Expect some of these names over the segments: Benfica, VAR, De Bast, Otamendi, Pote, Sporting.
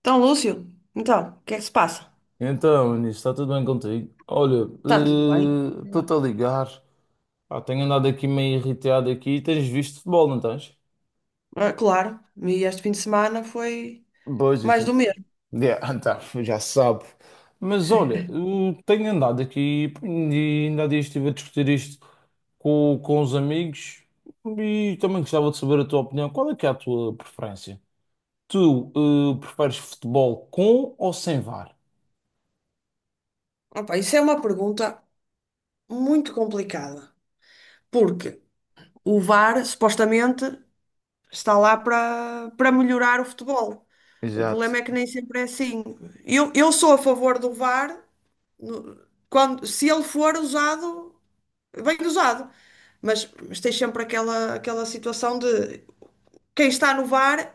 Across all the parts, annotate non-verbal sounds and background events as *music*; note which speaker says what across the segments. Speaker 1: Então, Lúcio, então, o que é que se passa?
Speaker 2: Então, Nisso, está tudo bem contigo? Olha,
Speaker 1: Está tudo bem?
Speaker 2: estou-te a ligar. Ah, tenho andado aqui meio irritado aqui. Tens visto futebol, não tens?
Speaker 1: Ah, claro, e este fim de semana foi
Speaker 2: Pois,
Speaker 1: mais do
Speaker 2: gente.
Speaker 1: mesmo.
Speaker 2: Yeah, *laughs* então, já sabe. Mas olha, eu tenho andado aqui e ainda há dias estive a discutir isto com os amigos e também gostava de saber a tua opinião. Qual é que é a tua preferência? Tu, preferes futebol com ou sem VAR?
Speaker 1: Opa, isso é uma pergunta muito complicada, porque o VAR supostamente está lá para melhorar o futebol. O problema
Speaker 2: Exato.
Speaker 1: é que nem sempre é assim. Eu sou a favor do VAR no- quando, se ele for usado, bem usado, mas tem sempre aquela situação de quem está no VAR.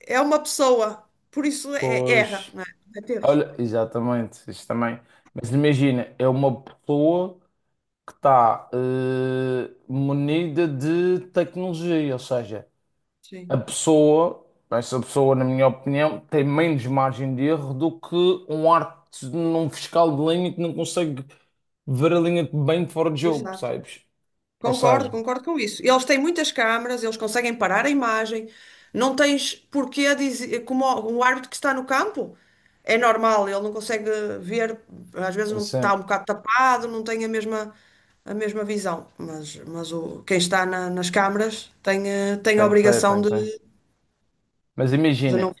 Speaker 1: É uma pessoa, por isso é, erra,
Speaker 2: Pois.
Speaker 1: não é? Comete erros.
Speaker 2: Olha, exatamente, isso também. Mas imagina, é uma pessoa que está munida de tecnologia, ou seja, a
Speaker 1: Sim.
Speaker 2: pessoa, essa pessoa, na minha opinião, tem menos margem de erro do que um arte num fiscal de linha que não consegue ver a linha bem de fora de jogo,
Speaker 1: Exato.
Speaker 2: percebes? Ou seja,
Speaker 1: Concordo com isso. Eles têm muitas câmaras, eles conseguem parar a imagem, não tens porquê dizer, como o um árbitro que está no campo, é normal, ele não consegue ver, às vezes não
Speaker 2: assim,
Speaker 1: está um bocado tapado, não tem a mesma visão, mas quem está nas câmaras tem, tem a
Speaker 2: tem que ter, tem
Speaker 1: obrigação
Speaker 2: que ter. Mas
Speaker 1: de
Speaker 2: imagina,
Speaker 1: não.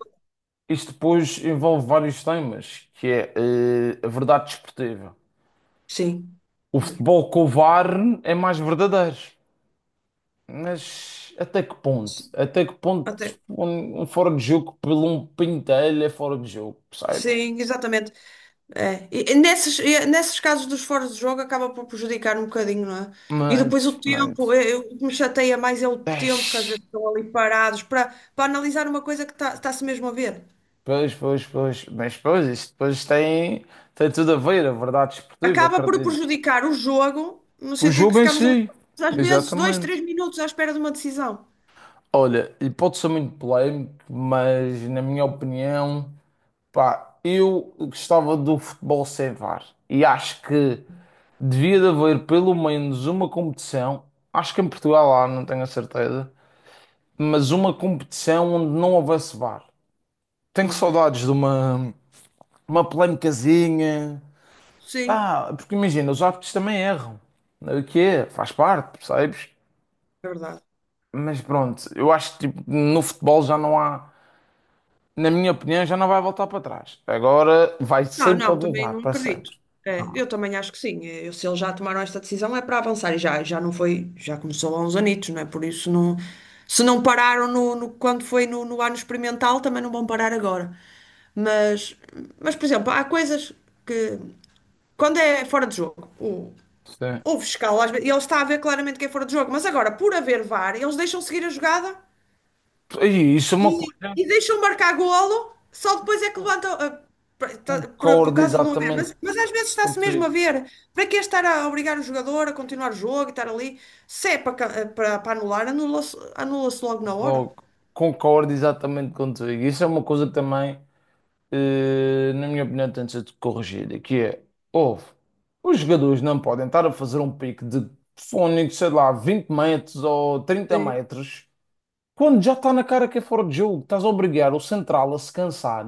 Speaker 2: isto depois envolve vários temas, que é a verdade desportiva.
Speaker 1: Sim,
Speaker 2: O
Speaker 1: mesmo.
Speaker 2: futebol com o VAR é mais verdadeiro, mas até que ponto?
Speaker 1: Sim,
Speaker 2: Até que ponto
Speaker 1: até.
Speaker 2: um fora de jogo pelo um pintelho é fora de jogo, percebes?
Speaker 1: Sim, exatamente. É. E nesses casos dos fora de jogo acaba por prejudicar um bocadinho, não é? E depois
Speaker 2: Mas,
Speaker 1: o tempo,
Speaker 2: mas,
Speaker 1: o que me chateia mais é o tempo que às
Speaker 2: eish,
Speaker 1: vezes estão ali parados para analisar uma coisa que está, está-se mesmo a ver.
Speaker 2: pois, isso depois tem, tem tudo a ver, a verdade esportiva,
Speaker 1: Acaba por
Speaker 2: acredito.
Speaker 1: prejudicar o jogo, no
Speaker 2: O
Speaker 1: sentido que
Speaker 2: jogo em
Speaker 1: ficamos ali
Speaker 2: si,
Speaker 1: às vezes dois,
Speaker 2: exatamente.
Speaker 1: três minutos à espera de uma decisão.
Speaker 2: Olha, e pode ser muito polémico, mas na minha opinião, pá, eu gostava do futebol sem VAR. E acho que devia de haver pelo menos uma competição, acho que em Portugal há, não tenho a certeza, mas uma competição onde não houvesse VAR. Tenho
Speaker 1: Ok.
Speaker 2: saudades de uma polémicazinha.
Speaker 1: Sim,
Speaker 2: Ah, porque imagina, os árbitros também erram. O que é? Faz parte, percebes?
Speaker 1: é verdade.
Speaker 2: Mas pronto, eu acho que tipo, no futebol já não há, na minha opinião, já não vai voltar para trás. Agora vai
Speaker 1: Não,
Speaker 2: sempre
Speaker 1: não,
Speaker 2: haver
Speaker 1: também
Speaker 2: VAR,
Speaker 1: não
Speaker 2: para
Speaker 1: acredito.
Speaker 2: sempre.
Speaker 1: É, eu também acho que sim. É, eu, se eles já tomaram esta decisão é para avançar e já, já não foi, já começou há uns anitos, não é? Por isso não, se não pararam quando foi no ano experimental, também não vão parar agora. Mas, por exemplo, há coisas que quando é fora de jogo,
Speaker 2: Sim.
Speaker 1: o fiscal, às vezes, ele está a ver claramente que é fora de jogo, mas agora, por haver VAR, eles deixam seguir a jogada
Speaker 2: E isso é uma coisa
Speaker 1: e
Speaker 2: que
Speaker 1: deixam marcar golo, só depois é que levantam. Por
Speaker 2: concordo
Speaker 1: causa de não haver.
Speaker 2: exatamente
Speaker 1: Mas às vezes está-se mesmo a
Speaker 2: contigo.
Speaker 1: ver. Para que é estar a obrigar o jogador a continuar o jogo e estar ali? Se é para, ca- ah, para, para anular, anula-se logo na hora.
Speaker 2: Logo, concordo exatamente contigo. Isso é uma coisa que também, na minha opinião, tem de ser corrigida, que é, ouve, os jogadores não podem estar a fazer um pique de fónico, sei lá, 20 metros ou trinta
Speaker 1: Sim,
Speaker 2: metros, quando já está na cara que é fora de jogo. Estás a obrigar o central a se cansar,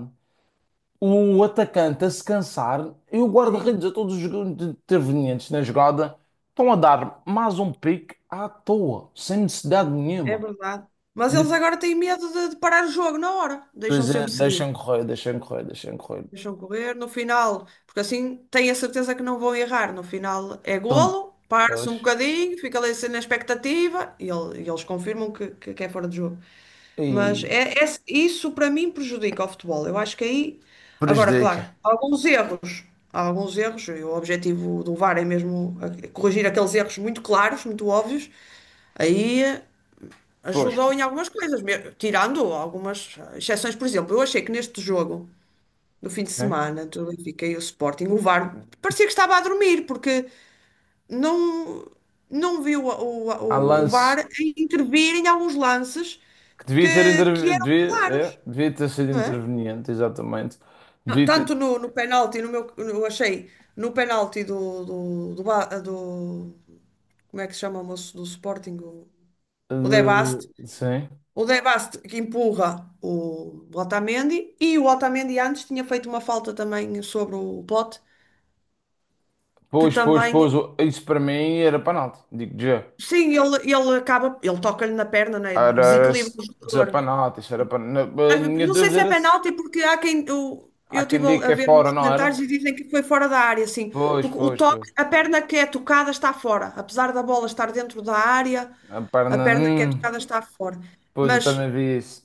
Speaker 2: o atacante a se cansar e o
Speaker 1: sim,
Speaker 2: guarda-redes a todos os intervenientes na jogada estão a dar mais um pique à toa, sem necessidade
Speaker 1: é
Speaker 2: nenhuma.
Speaker 1: verdade. Mas eles agora têm medo de parar o jogo na hora. Deixam
Speaker 2: Pois é,
Speaker 1: sempre seguir.
Speaker 2: deixem correr, deixem correr, deixem correr.
Speaker 1: Deixam correr no final, porque assim têm a certeza que não vão errar. No final é
Speaker 2: Então,
Speaker 1: golo, para-se um
Speaker 2: pois,
Speaker 1: bocadinho, fica ali assim na expectativa e, eles confirmam que é fora de jogo. Mas
Speaker 2: e
Speaker 1: isso para mim prejudica o futebol. Eu acho que aí, agora, claro,
Speaker 2: prejudica.
Speaker 1: há alguns erros, e o objetivo do VAR é mesmo corrigir aqueles erros muito claros, muito óbvios, aí
Speaker 2: Pois,
Speaker 1: ajudou em algumas coisas, tirando algumas exceções. Por exemplo, eu achei que neste jogo. No fim de
Speaker 2: né?
Speaker 1: semana, do Benfica e o Sporting, o VAR parecia que estava a dormir, porque não, não viu
Speaker 2: Há
Speaker 1: o
Speaker 2: lance
Speaker 1: VAR a intervir em alguns lances
Speaker 2: que devia ter,
Speaker 1: que eram
Speaker 2: devia,
Speaker 1: claros,
Speaker 2: é, devia ter sido
Speaker 1: não é?
Speaker 2: interveniente, exatamente.
Speaker 1: Não,
Speaker 2: Devia ter,
Speaker 1: tanto no penalti, no meu, eu achei, no penalti do como é que se chama o moço do Sporting? O De Bast.
Speaker 2: sim.
Speaker 1: O De Bast que empurra o Otamendi e o Otamendi antes tinha feito uma falta também sobre o Pote, que também.
Speaker 2: Isso para mim era penalti, digo já.
Speaker 1: Sim, ele acaba, ele toca-lhe na perna, né?
Speaker 2: Era,
Speaker 1: Desequilibra o
Speaker 2: dizer
Speaker 1: jogador.
Speaker 2: penalti, isso era penalti.
Speaker 1: Ah,
Speaker 2: A minha
Speaker 1: não sei
Speaker 2: dúvida
Speaker 1: se é
Speaker 2: era se
Speaker 1: penalti, porque há quem. Eu
Speaker 2: há
Speaker 1: eu
Speaker 2: quem
Speaker 1: estive
Speaker 2: diga que
Speaker 1: a
Speaker 2: é
Speaker 1: ver
Speaker 2: fora,
Speaker 1: uns
Speaker 2: não
Speaker 1: comentários
Speaker 2: era?
Speaker 1: e dizem que foi fora da área, sim
Speaker 2: Pois,
Speaker 1: porque o
Speaker 2: pois,
Speaker 1: toque,
Speaker 2: pois.
Speaker 1: a perna que é tocada está fora, apesar da bola estar dentro da área,
Speaker 2: A
Speaker 1: a
Speaker 2: perna,
Speaker 1: perna que é tocada está fora.
Speaker 2: pois eu
Speaker 1: Mas,
Speaker 2: também vi isso.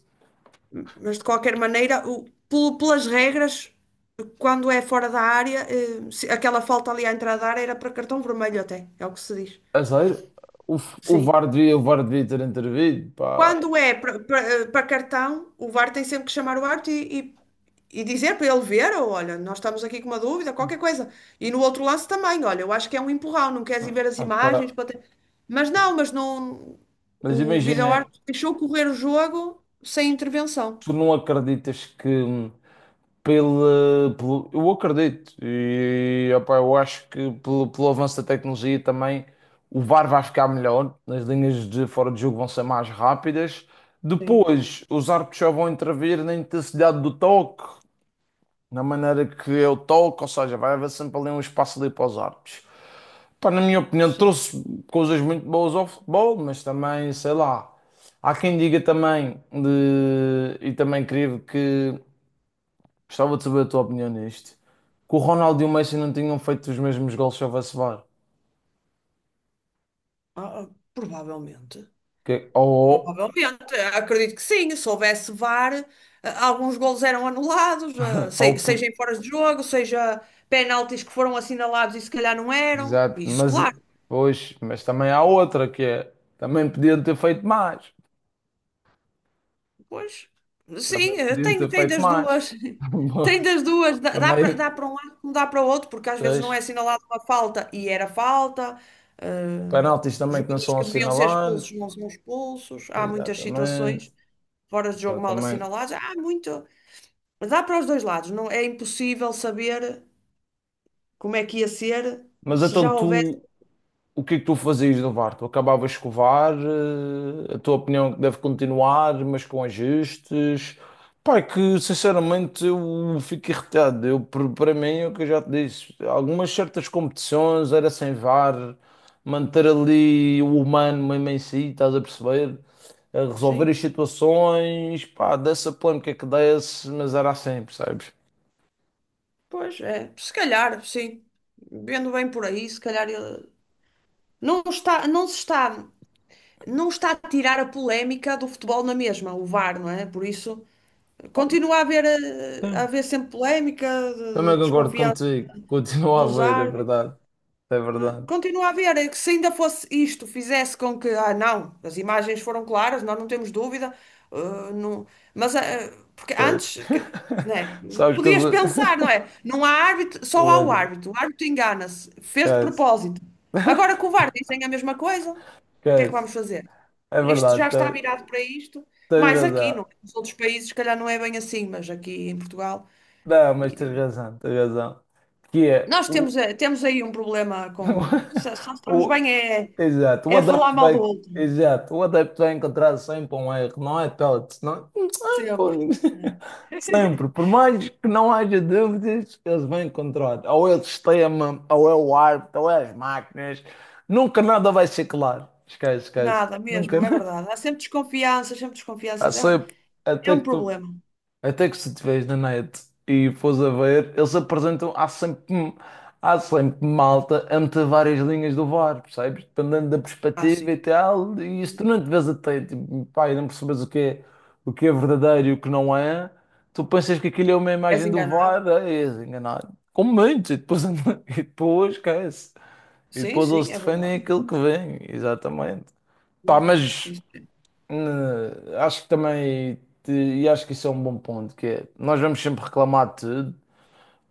Speaker 1: mas de qualquer maneira, pelas regras, quando é fora da área, aquela falta ali à entrada da área era para cartão vermelho até, é o que se diz.
Speaker 2: É sério? O, o
Speaker 1: Sim.
Speaker 2: VAR devia, o VAR devia ter intervido, pá.
Speaker 1: Quando é para cartão, o VAR tem sempre que chamar o árbitro e dizer para ele ver, ou olha, nós estamos aqui com uma dúvida, qualquer coisa. E no outro lance também, olha, eu acho que é um empurrão, não queres ir ver as
Speaker 2: Ok.
Speaker 1: imagens para mas não, mas não.
Speaker 2: Mas
Speaker 1: O
Speaker 2: imagina,
Speaker 1: vídeo-árbitro deixou correr o jogo sem intervenção.
Speaker 2: tu não acreditas que pelo, eu acredito e opá, eu acho que pelo avanço da tecnologia também o VAR vai ficar melhor, as linhas de fora de jogo vão ser mais rápidas.
Speaker 1: Sim,
Speaker 2: Depois, os árbitros já vão intervir na intensidade do toque, na maneira que é o toque, ou seja, vai haver sempre ali um espaço ali para os árbitros. Pá, na minha opinião,
Speaker 1: sim.
Speaker 2: trouxe coisas muito boas ao futebol, mas também, sei lá, há quem diga também, de, e também creio que gostava de saber a tua opinião nisto, que o Ronaldo e o Messi não tinham feito os mesmos gols se houvesse VAR.
Speaker 1: Provavelmente.
Speaker 2: Que, ou,
Speaker 1: Provavelmente, é, acredito que sim. Se houvesse VAR, alguns golos eram anulados,
Speaker 2: *laughs* ou,
Speaker 1: seja em fora de jogo, seja penaltis que foram assinalados e se calhar não
Speaker 2: *coughs*
Speaker 1: eram.
Speaker 2: exato,
Speaker 1: Isso,
Speaker 2: mas,
Speaker 1: claro.
Speaker 2: pois, mas também há outra que é, também podiam ter feito mais,
Speaker 1: Pois, sim,
Speaker 2: também podiam ter
Speaker 1: tem
Speaker 2: feito
Speaker 1: das
Speaker 2: mais.
Speaker 1: duas. *laughs* Tem
Speaker 2: *laughs*
Speaker 1: das duas. Dá, dá para
Speaker 2: Também,
Speaker 1: dá para um lado como dá para o outro, porque às vezes não é
Speaker 2: tens
Speaker 1: assinalada uma falta e era falta. eh,
Speaker 2: penaltis também que não
Speaker 1: Jogadores
Speaker 2: são
Speaker 1: que deviam ser expulsos
Speaker 2: assinalados,
Speaker 1: não são expulsos. Há muitas
Speaker 2: exatamente.
Speaker 1: situações fora de jogo mal
Speaker 2: Exatamente.
Speaker 1: assinaladas. Há muito. Dá para os dois lados, não é impossível saber como é que ia ser,
Speaker 2: Mas
Speaker 1: se
Speaker 2: então
Speaker 1: já houvesse,
Speaker 2: tu, o que é que tu fazias no VAR? Tu acabavas de escovar, a tua opinião é que deve continuar, mas com ajustes. Pá, é que sinceramente eu fico irritado. Eu, para mim, é o que eu já te disse, algumas certas competições era sem VAR, manter ali o humano mesmo em si, estás a perceber? A resolver
Speaker 1: sim.
Speaker 2: as situações, pá, dessa polêmica que desse, mas era assim, percebes?
Speaker 1: Pois é, se calhar, sim. Vendo bem por aí, se calhar não está, não se está, não está a tirar a polémica do futebol na mesma, o VAR, não é? Por isso, continua a haver, a
Speaker 2: Sim.
Speaker 1: haver sempre polémica,
Speaker 2: Também
Speaker 1: de
Speaker 2: concordo
Speaker 1: desconfiança
Speaker 2: contigo, continua a
Speaker 1: dos
Speaker 2: ver, é
Speaker 1: árbitros.
Speaker 2: verdade. É
Speaker 1: Né?
Speaker 2: verdade.
Speaker 1: Continua a ver, é que se ainda fosse isto, fizesse com que, ah, não, as imagens foram claras, nós não temos dúvida, ah, não, mas ah, porque
Speaker 2: Pois.
Speaker 1: antes, né,
Speaker 2: *laughs* Sabes que eu
Speaker 1: podias pensar, não
Speaker 2: sou-
Speaker 1: é? Não há árbitro,
Speaker 2: *laughs*
Speaker 1: só
Speaker 2: O
Speaker 1: há
Speaker 2: André.
Speaker 1: o árbitro engana-se, fez de
Speaker 2: Esquece.
Speaker 1: propósito. Agora com o VAR dizem a mesma coisa, o que é que
Speaker 2: Esquece.
Speaker 1: vamos fazer?
Speaker 2: É
Speaker 1: Isto já
Speaker 2: verdade.
Speaker 1: está
Speaker 2: Te-
Speaker 1: virado para isto,
Speaker 2: Tens
Speaker 1: mas aqui,
Speaker 2: razão.
Speaker 1: não é? Nos outros países, se calhar não é bem assim, mas aqui em Portugal.
Speaker 2: Não, mas tens razão. Tens razão. Que é.
Speaker 1: Nós
Speaker 2: O
Speaker 1: temos, temos aí um problema com. Só
Speaker 2: *laughs*
Speaker 1: estamos
Speaker 2: O,
Speaker 1: bem é,
Speaker 2: exato, o
Speaker 1: é a falar
Speaker 2: adepto
Speaker 1: mal do
Speaker 2: vai,
Speaker 1: outro.
Speaker 2: exato, o adepto vai encontrar sempre um erro, não é pellets, não é? *laughs* Pô,
Speaker 1: Sempre.
Speaker 2: ninguém- Sempre, por mais que não haja dúvidas, eles vão encontrar. Ou é o sistema, ou é o árbitro, ou é as máquinas. Nunca nada vai ser claro. Esquece, esquece.
Speaker 1: Nada
Speaker 2: Nunca *laughs*
Speaker 1: mesmo, é
Speaker 2: nada.
Speaker 1: verdade. Há sempre desconfianças, sempre
Speaker 2: Há
Speaker 1: desconfianças. É,
Speaker 2: sempre,
Speaker 1: é
Speaker 2: até
Speaker 1: um
Speaker 2: que tu
Speaker 1: problema.
Speaker 2: até que se estiveres na net e fores a ver, eles apresentam, há sempre malta entre várias linhas do VAR, percebes? Dependendo da
Speaker 1: Ah,
Speaker 2: perspectiva
Speaker 1: sim.
Speaker 2: e tal, e se tu não te vês atento, e, pá, e não percebes o que é verdadeiro e o que não é, tu pensas que aquilo é uma
Speaker 1: És
Speaker 2: imagem do
Speaker 1: enganado?
Speaker 2: VAR, é, és enganado. Com muitos, e depois, *laughs* e depois esquece. E
Speaker 1: Sim,
Speaker 2: depois eles
Speaker 1: sim, é
Speaker 2: defendem
Speaker 1: verdade.
Speaker 2: aquilo que vem, exatamente. Pá,
Speaker 1: Mesmo.
Speaker 2: mas
Speaker 1: Isso é.
Speaker 2: acho que também, te- e acho que isso é um bom ponto, que é, nós vamos sempre reclamar de tudo.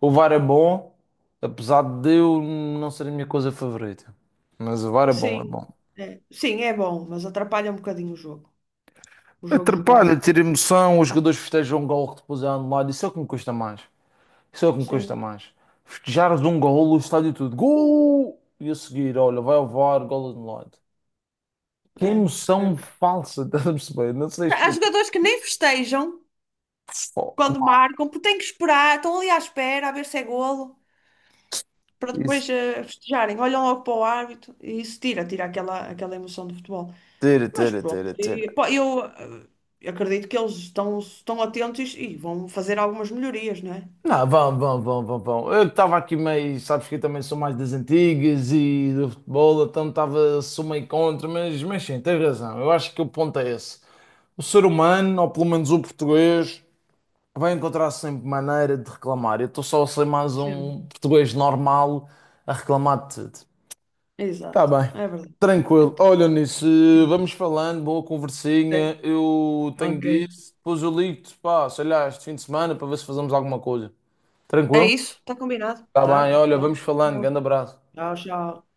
Speaker 2: O VAR é bom, apesar de eu não ser a minha coisa favorita. Mas o VAR é bom, é
Speaker 1: Sim,
Speaker 2: bom.
Speaker 1: é. Sim, é bom, mas atrapalha um bocadinho o jogo. O jogo
Speaker 2: Atrapalha,
Speaker 1: jogado.
Speaker 2: tira emoção, os jogadores festejam um gol que depois é anulado, isso é o que me custa mais. Isso é o que me custa
Speaker 1: Sim,
Speaker 2: mais. Festejares um gol, o estádio tudo, gol! E a seguir, olha, vai ao VAR, gol anulado. Que
Speaker 1: é. É.
Speaker 2: emoção falsa, *laughs* estás a perceber? Não sei
Speaker 1: Há
Speaker 2: explicar.
Speaker 1: jogadores que nem festejam
Speaker 2: Pô, que
Speaker 1: quando
Speaker 2: mal.
Speaker 1: marcam, porque têm que esperar, estão ali à espera a ver se é golo. Para
Speaker 2: Isso,
Speaker 1: depois festejarem. Olham logo para o árbitro e isso tira, tira aquela, aquela emoção do futebol.
Speaker 2: tira,
Speaker 1: Mas
Speaker 2: tira,
Speaker 1: pronto,
Speaker 2: tira, tira.
Speaker 1: e, pá, eu acredito que eles estão, estão atentos e, vão fazer algumas melhorias, não é?
Speaker 2: Não, vão, vão, vão, vão, vão. Eu estava aqui meio, sabes que eu também sou mais das antigas e do futebol, então estava, sou meio contra, mas sim, tens razão. Eu acho que o ponto é esse. O ser humano, ou pelo menos o português, vai encontrar sempre maneira de reclamar. Eu estou só a ser mais
Speaker 1: Sempre.
Speaker 2: um português normal a reclamar de tudo. Está
Speaker 1: Exato,
Speaker 2: bem,
Speaker 1: é verdade. Eu
Speaker 2: tranquilo.
Speaker 1: t-
Speaker 2: Olha nisso,
Speaker 1: *laughs*
Speaker 2: vamos falando, boa
Speaker 1: Ok.
Speaker 2: conversinha. Eu tenho
Speaker 1: Ok.
Speaker 2: disso, depois eu ligo-te, pá, sei lá, este fim de semana para ver se fazemos alguma coisa.
Speaker 1: É
Speaker 2: Tranquilo?
Speaker 1: isso, está combinado,
Speaker 2: Está bem,
Speaker 1: tá?
Speaker 2: olha, vamos falando.
Speaker 1: Obrigado.
Speaker 2: Grande abraço.
Speaker 1: Tchau, tchau.